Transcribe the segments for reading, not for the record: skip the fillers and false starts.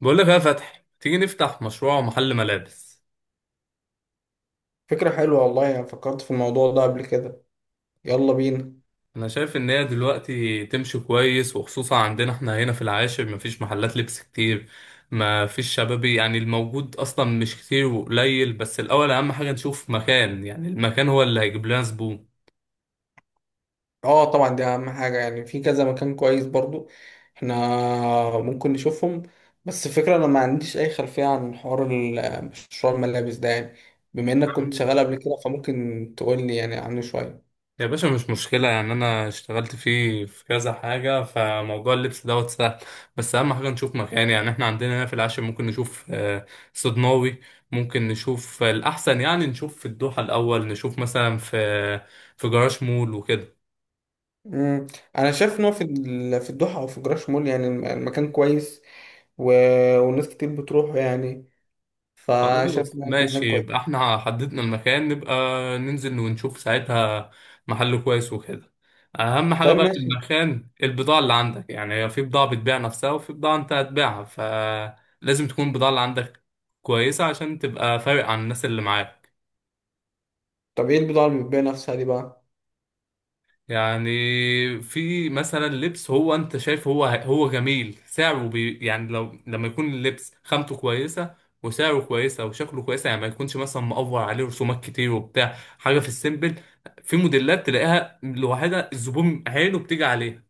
بقول لك يا فتحي، تيجي نفتح مشروع محل ملابس. فكرة حلوة والله. أنا فكرت في الموضوع ده قبل كده. يلا بينا. انا شايف ان هي دلوقتي تمشي كويس، وخصوصا عندنا احنا هنا في العاشر مفيش محلات لبس كتير. مفيش شبابي، يعني الموجود اصلا مش كتير وقليل. بس الاول اهم حاجة نشوف مكان، يعني المكان هو اللي هيجيب لنا زبون. اه، طبعا دي أهم حاجة. يعني في كذا مكان كويس برضو. احنا ممكن نشوفهم. بس الفكرة أنا ما عنديش أي خلفية عن حوار مشروع الملابس ده يعني. بما إنك كنت شغال قبل كده فممكن تقولي يعني عنه شوية. يا باشا مش مشكلة، يعني أنا اشتغلت فيه في كذا حاجة، فموضوع اللبس دوت سهل. بس أهم حاجة نشوف مكان، يعني إحنا عندنا هنا في العاشر ممكن نشوف صدناوي. ممكن نشوف الأحسن، يعني نشوف في الدوحة الأول، نشوف مثلا في في جراج مول وكده. مم. أنا شايف إن هو في في الدوحة أو في جراش مول. يعني المكان كويس و... والناس كتير بتروحه يعني، فشايف خلاص إن هو هناك ماشي، كويس. يبقى احنا حددنا المكان، نبقى ننزل ونشوف ساعتها محل كويس وكده. اهم حاجة طيب بقى في ماشي. المكان البضاعة اللي عندك، يعني في بضاعة بتبيع نفسها وفي بضاعة انت هتبيعها، فلازم تكون البضاعة اللي عندك كويسة عشان تبقى فارق عن الناس اللي معاك. طب إيه البضاعة اللي بتبيع نفسها دي بقى؟ يعني في مثلا لبس هو انت شايف هو جميل سعره بي، يعني لو لما يكون اللبس خامته كويسه وسعره كويسه وشكله كويسه، يعني ما يكونش مثلا مقفر عليه رسومات كتير وبتاع، حاجه في السيمبل. في موديلات تلاقيها لوحدها الزبون عينه بتيجي عليها،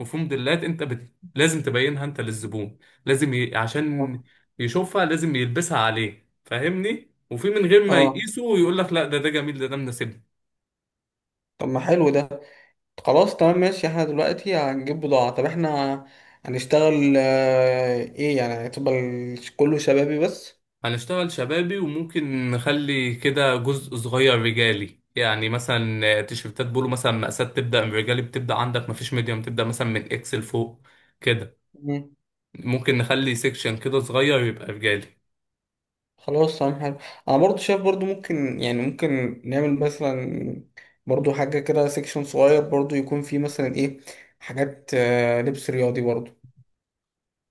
وفي موديلات انت لازم تبينها انت للزبون، لازم عشان اه، يشوفها، لازم يلبسها عليه فاهمني، وفي من غير ما اه. يقيسه ويقول لك لا، ده جميل، ده مناسبني. طب ما حلو ده. خلاص تمام ماشي. احنا دلوقتي هنجيب بضاعة. طب احنا هنشتغل، ايه يعني، هتبقى كله شبابي بس. هنشتغل شبابي، وممكن نخلي كده جزء صغير رجالي، يعني مثلا تيشيرتات بولو مثلا، مقاسات تبدأ من رجالي، بتبدأ عندك مفيش ميديوم، تبدأ مثلا من اكس لفوق كده. مم. ممكن نخلي سيكشن كده صغير يبقى رجالي. خلاص تمام حلو. انا برضو شايف برضو ممكن، يعني ممكن نعمل مثلا برضو حاجة كده، سيكشن صغير برضو يكون فيه مثلا ايه، حاجات لبس رياضي برضو.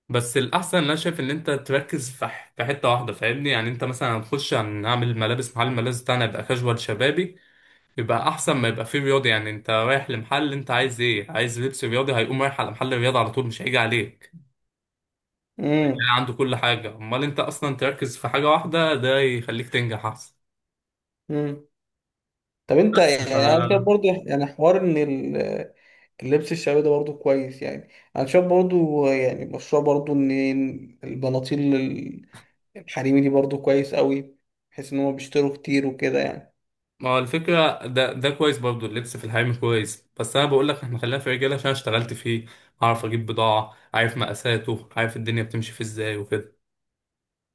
بس الأحسن أنا شايف إن أنت تركز في في حتة واحدة فاهمني، يعني أنت مثلا هنخش هنعمل ملابس، محل الملابس بتاعنا يبقى كاجوال شبابي يبقى أحسن، ما يبقى فيه رياضي. يعني أنت رايح لمحل، أنت عايز إيه؟ عايز لبس رياضي هيقوم رايح على محل الرياضة على طول، مش هيجي عليه مم. عنده كل حاجة. امال انت اصلا تركز في حاجة واحدة، ده يخليك تنجح احسن. مم. طب انت بس ف، يعني، انا شايف برضو يعني حوار ان اللبس الشعبي ده برضو كويس يعني. انا شايف برضو يعني مشروع برضو ان البناطيل الحريمي دي برضو كويس قوي، بحيث ان هم بيشتروا كتير وكده يعني. ما هو الفكرة ده كويس برضو، اللبس في الحريم كويس، بس انا بقول لك احنا خلينا في رجالة عشان اشتغلت فيه، اعرف اجيب بضاعة، عارف مقاساته، عارف الدنيا بتمشي في ازاي وكده.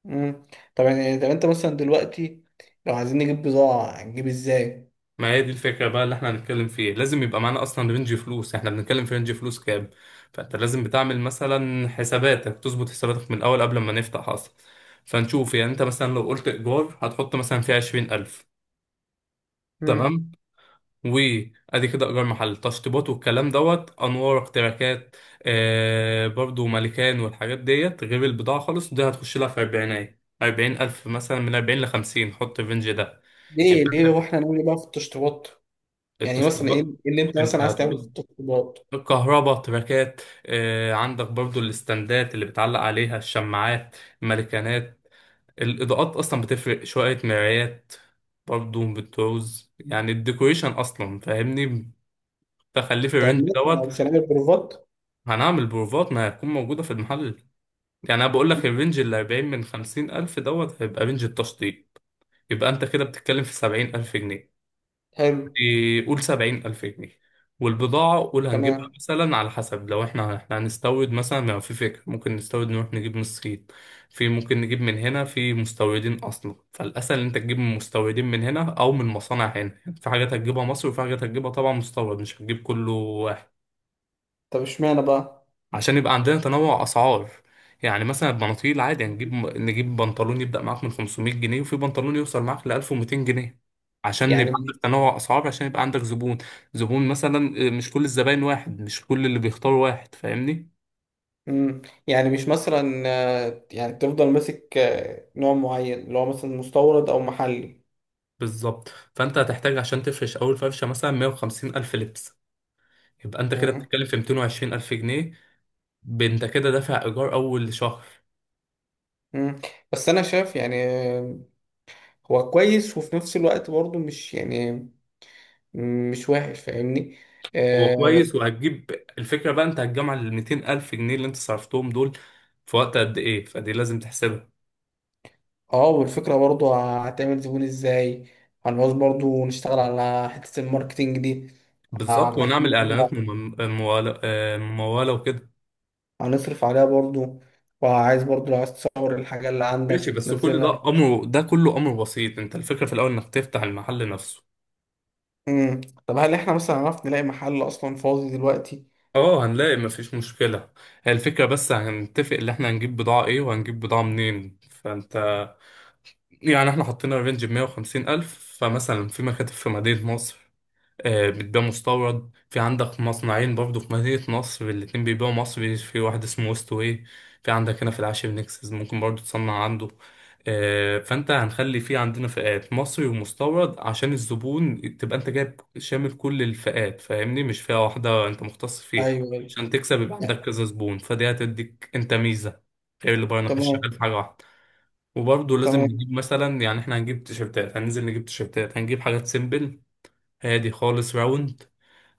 امم طب انت مثلا دلوقتي، لو عايزين نجيب بضاعة، هنجيب ازاي؟ ما هي دي الفكرة بقى اللي احنا هنتكلم فيه، لازم يبقى معانا اصلا رينج فلوس، احنا بنتكلم في رينج فلوس كام. فانت لازم بتعمل مثلا حساباتك، تظبط حساباتك من الاول قبل ما نفتح اصلا. فنشوف يعني انت مثلا لو قلت ايجار هتحط مثلا فيه عشرين الف. امم تمام. وادي كده ايجار محل، تشطيبات والكلام دوت، انوار، اختراكات، آه برضو مالكان، والحاجات ديت. غير البضاعه خالص، دي هتخش لها في اربعينات، اربعين الف مثلا، من اربعين لخمسين، حط الرينج ده. ليه، يبقى ليه انت، واحنا نعمل ايه بقى في التشطيبات؟ يعني مثلا ايه التشطيبات ايه اللي انت مثلا انت عايز تعمله في هتقول التشطيبات؟ الكهرباء، تراكات، آه عندك برضو الاستندات اللي بتعلق عليها الشماعات، المالكانات، الاضاءات اصلا بتفرق شويه، مرايات برضو بتعوز، مم. يعني الديكوريشن اصلا فاهمني، تخليه في طب الرينج دوت. مثلا مش هنعمل بروفات؟ هنعمل بروفات، ما هتكون موجودة في المحل. يعني أنا بقول مم. لك الرينج اللي 40 من 50 ألف دوت هيبقى رينج التشطيب. يبقى أنت كده بتتكلم في 70 ألف جنيه. حلو قول 70 ألف جنيه. والبضاعة قول هنجيبها تمام. مثلا على حسب، لو احنا هنستورد مثلا، ما في فكرة ممكن نستورد نروح نجيب من الصين، في ممكن نجيب من هنا في مستوردين أصلا، فالأسهل إن أنت تجيب من مستوردين من هنا أو من مصانع هنا. يعني في حاجات هتجيبها مصر وفي حاجات هتجيبها طبعا مستورد، مش هتجيب كله طب اشمعنى بقى؟ عشان يبقى عندنا تنوع اسعار. يعني مثلا البناطيل عادي، يعني نجيب بنطلون يبدأ معاك من 500 جنيه، وفي بنطلون يوصل معاك ل 1200 جنيه عشان يعني يبقى مش عندك تنوع اسعار، عشان يبقى عندك زبون، زبون مثلا مش كل الزباين واحد، مش كل اللي بيختاروا واحد فاهمني. مم. يعني مش مثلا، يعني تفضل ماسك نوع معين اللي هو مثلا مستورد او محلي. بالظبط. فانت هتحتاج عشان تفرش اول فرشه مثلا 150 الف لبس. يبقى انت كده مم. بتتكلم في 220 الف جنيه. انت كده دافع ايجار اول شهر. مم. بس انا شايف يعني، هو كويس وفي نفس الوقت برضو مش يعني، مش وحش، فاهمني؟ هو اه. كويس وهتجيب، الفكرة بقى انت هتجمع ال 200 ألف جنيه اللي انت صرفتهم دول في وقت قد ايه، فدي لازم تحسبها. والفكرة برضو هتعمل زبون ازاي؟ هنعوز برضو نشتغل على حتة الماركتينج دي. بالظبط، اكيد ونعمل اعلانات برضو. ممولة، ممولة وكده. هنصرف عليها برضو. وعايز برضو، لو عايز تصور الحاجة اللي ماشي، عندك بس كل ده تنزلها. امر، ده كله امر بسيط، انت الفكرة في الاول انك تفتح المحل نفسه. امم طب، هل احنا مثلا عرفنا نلاقي محل اصلا فاضي دلوقتي؟ اه هنلاقي، مفيش مشكلة. هي الفكرة بس هنتفق اللي احنا هنجيب بضاعة ايه وهنجيب بضاعة منين. فانت يعني احنا حطينا رينج 150 ألف، فمثلا في مكاتب في مدينة نصر بتبيع مستورد، في عندك مصنعين برضو في مدينة نصر الاتنين بيبيعوا مصري، في واحد اسمه ويست واي، في عندك هنا في العاشر نكسس ممكن برضو تصنع عنده. فانت هنخلي في عندنا فئات مصري ومستورد، عشان الزبون تبقى انت جايب شامل كل الفئات فاهمني، مش فئة واحدة انت مختص فيها، ايوه، ايوه عشان تكسب. يبقى عندك يعني. كذا زبون، فدي هتديك انت ميزة غير اللي بره، انك مش شغال تمام، في حاجة واحدة. وبرضه لازم تمام. نجيب مثلا، يعني احنا هنجيب تيشيرتات، هننزل نجيب تيشيرتات، هنجيب حاجات سيمبل هادي خالص راوند،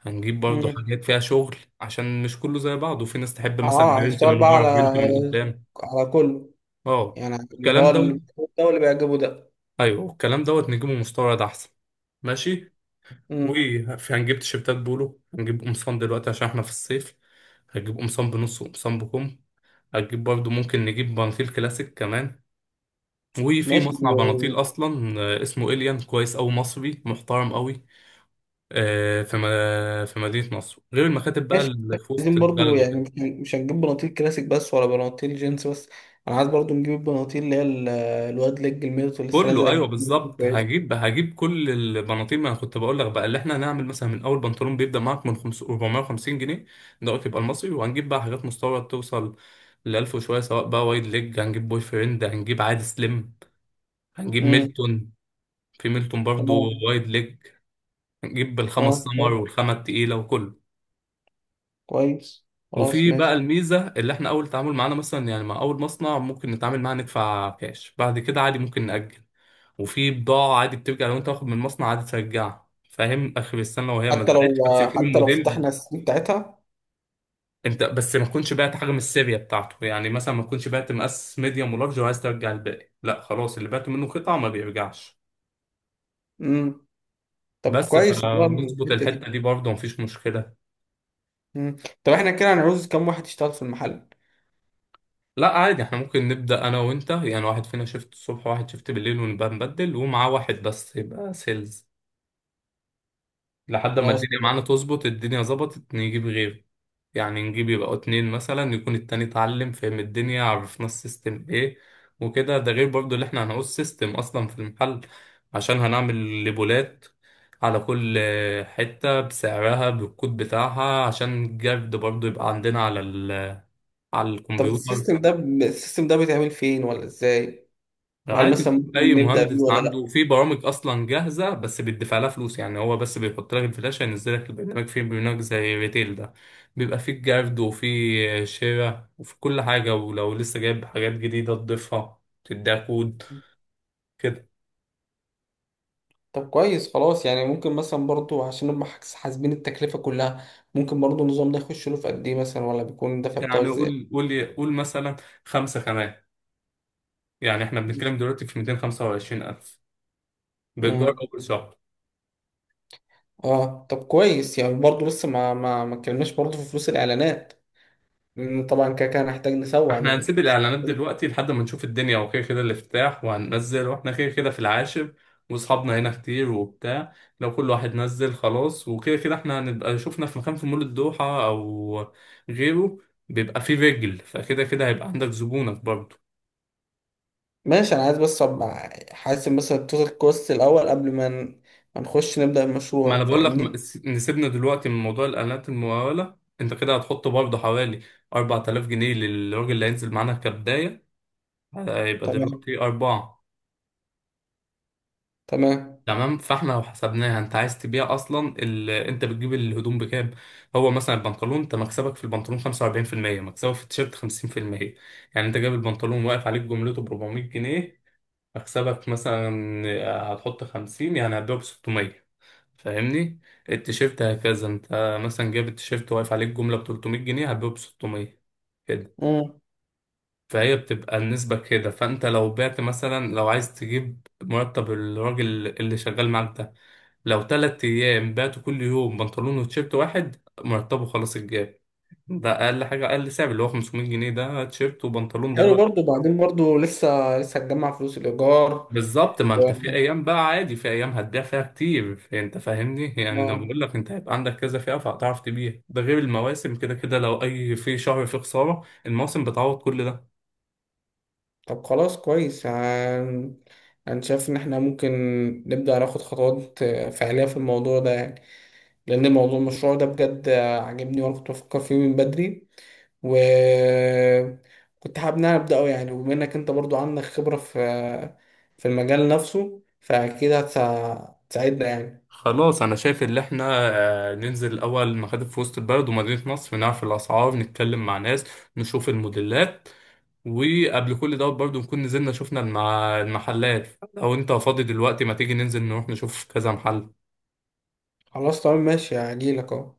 هنجيب برضو امم حاجات فيها شغل عشان مش كله زي بعضه، وفي ناس تحب مثلا اه، برنت هشتغل من بقى ورا، على برنت من قدام. كله. اه يعني على اللي هو والكلام اللي دوت. بيعجبه ده واللي بيعجبه ده. ايوه الكلام دوت نجيبه مستورد احسن. ماشي. امم وفي هنجيب تيشيرتات بولو، هنجيب قمصان دلوقتي عشان احنا في الصيف، هتجيب قمصان بنص وقمصان بكم، هتجيب برضو ممكن نجيب بناطيل كلاسيك كمان. وفي ماشي، مصنع بناطيل اصلا اسمه إليان، كويس أوي، مصري محترم أوي، في في مدينة نصر، غير المكاتب بقى ماشي. اللي في وسط عايزين برضو البلد يعني، وكده. مش هنجيب بناطيل كلاسيك بس ولا بناطيل جينز بس. انا عايز برضو نجيب البناطيل اللي هي الواد ليج الميرت اللي لسه كله نازله ايوه جديد بالظبط، كويس. هجيب، هجيب كل البناطيل. ما أنا كنت بقول لك بقى اللي احنا هنعمل مثلا، من اول بنطلون بيبدا معاك من 5 450 جنيه دوت، يبقى المصري، وهنجيب بقى حاجات مستورد توصل ل 1000 وشويه، سواء بقى وايد ليج، هنجيب بوي فريند، هنجيب عادي سليم، هنجيب امم ميلتون. في ميلتون برضو تمام، وايد ليج، هنجيب الخمس تمام، سمر طيب، والخامه التقيله وكله. كويس. خلاص وفي بقى ماشي. الميزه، اللي احنا اول تعامل معانا مثلا، يعني مع اول مصنع ممكن نتعامل معاه ندفع كاش، بعد كده عادي ممكن نأجل. وفي بضاعة عادي بترجع، لو انت واخد من المصنع عادي ترجعها، فاهم، اخر السنة وهي ما حتى اتباعتش، لو بس يكون حتى لو الموديل فتحنا السي بتاعتها. انت بس ما تكونش بعت حاجة من السيريا بتاعته، يعني مثلا ما تكونش بعت مقاس ميديوم ولارج وعايز ترجع الباقي، لا خلاص اللي بعته منه قطعة ما بيرجعش. امم طب بس كويس والله فنظبط الحته دي. الحتة دي برضه مفيش مشكلة. امم طب احنا كده هنعوز كام واحد يشتغل في المحل؟ لا عادي احنا ممكن نبدأ انا وانت، يعني واحد فينا شيفت الصبح وواحد شيفت بالليل ونبقى نبدل، ومعاه واحد بس يبقى سيلز، لحد على ما الدنيا وصل. معانا تظبط، الدنيا ظبطت نجيب غيره. يعني نجيب يبقوا اتنين مثلا، يكون التاني اتعلم، فهم الدنيا، عرفنا السيستم ايه وكده. ده غير برضو اللي احنا هنقول سيستم اصلا في المحل، عشان هنعمل ليبولات على كل حتة بسعرها بالكود بتاعها، عشان الجرد برضو يبقى عندنا على على طب الكمبيوتر. السيستم ده بيتعمل فين ولا ازاي؟ وهل عادي مثلا تشوف ممكن اي نبدأ بيه مهندس، ولا عنده لا؟ في برامج اصلا جاهزه بس بيدفع لها فلوس، يعني هو بس بيحط لك الفلاشه، ينزل لك البرنامج، في برنامج زي ريتيل ده، بيبقى فيه جرد وفيه شراء وفي كل حاجه، ولو لسه جايب حاجات جديده تضيفها، تديها كود كده. طب كويس خلاص. يعني ممكن مثلا برضو عشان نبقى حاسبين التكلفة كلها. ممكن برضو النظام ده يخش له في قد ايه مثلا، ولا بيكون الدفع بتاعه يعني ازاي؟ قول مثلا خمسه كمان، يعني احنا بنتكلم دلوقتي في 225,000 بإيجار امم أول شهر. اه، طب كويس. يعني برضو لسه ما اتكلمناش برضو في فلوس الاعلانات، لأن طبعا كده كده هنحتاج نسوق. يعني احنا هنسيب بنحتاج. الاعلانات دلوقتي لحد ما نشوف الدنيا، وكده كده الافتتاح وهننزل، واحنا كده كده في العاشر واصحابنا هنا كتير وبتاع، لو كل واحد نزل خلاص، وكده كده احنا هنبقى شفنا في مكان في مول الدوحة او غيره، بيبقى فيه رجل، فكده كده هيبقى عندك زبونك برضه. ماشي. انا عايز بس ابقى حاسب مثلا التوتال كوست الاول قبل ما نخش نبدا ما انا المشروع، بقول لك فاهمني. نسيبنا دلوقتي من موضوع الاعلانات الممولة، انت كده هتحط برضه حوالي 4,000 جنيه للراجل اللي هينزل معانا كبداية، هيبقى تمام، دلوقتي أربعة. تمام. تمام. فاحنا لو حسبناها، انت عايز تبيع اصلا ال... انت بتجيب الهدوم بكام؟ هو مثلا البنطلون، انت مكسبك في البنطلون 45%، مكسبك في التيشيرت 50%. يعني انت جايب البنطلون، واقف عليك جملته ب 400 جنيه، مكسبك مثلا هتحط 50، يعني هتبيعه ب 600 فاهمني. التيشيرت هكذا، انت مثلا جايب التيشيرت واقف عليك جملة ب 300 جنيه، هتبيعه ب 600. امم فهي بتبقى النسبة كده. فأنت لو بعت مثلا، لو عايز تجيب مرتب الراجل اللي شغال معاك ده، لو تلات أيام بعته كل يوم بنطلون وتيشيرت واحد، مرتبه خلاص اتجاب، ده أقل حاجة، أقل سعر اللي هو 500 جنيه ده تيشيرت وبنطلون حلو دلوقتي. برضو. بعدين برضو لسه لسه هتجمع فلوس الايجار. بالظبط، ما و... أنت في أيام بقى عادي، في أيام هتبيع فيها كتير أنت فاهمني، يعني أنا آه. بقول لك أنت هيبقى عندك كذا فئة، فهتعرف تبيع، ده غير المواسم كده كده، لو أي في شهر فيه خسارة، المواسم بتعوض كل ده. طب خلاص كويس. انا شايف ان احنا ممكن نبدا ناخد خطوات فعليه في الموضوع ده يعني. لأن موضوع المشروع ده بجد عاجبني، وأنا كنت بفكر فيه من بدري، وكنت حابب إن أنا أبدأه يعني. وبما إنك أنت برضو عندك خبرة في المجال نفسه، فأكيد هتساعدنا يعني. خلاص، انا شايف ان احنا ننزل الاول مخادم في وسط البلد ومدينة نصر، نعرف الاسعار، نتكلم مع ناس، نشوف الموديلات، وقبل كل دوت برضو نكون نزلنا شفنا المحلات. لو انت فاضي دلوقتي ما تيجي ننزل نروح نشوف كذا محل. خلاص تمام ماشي. هجيلك أهو.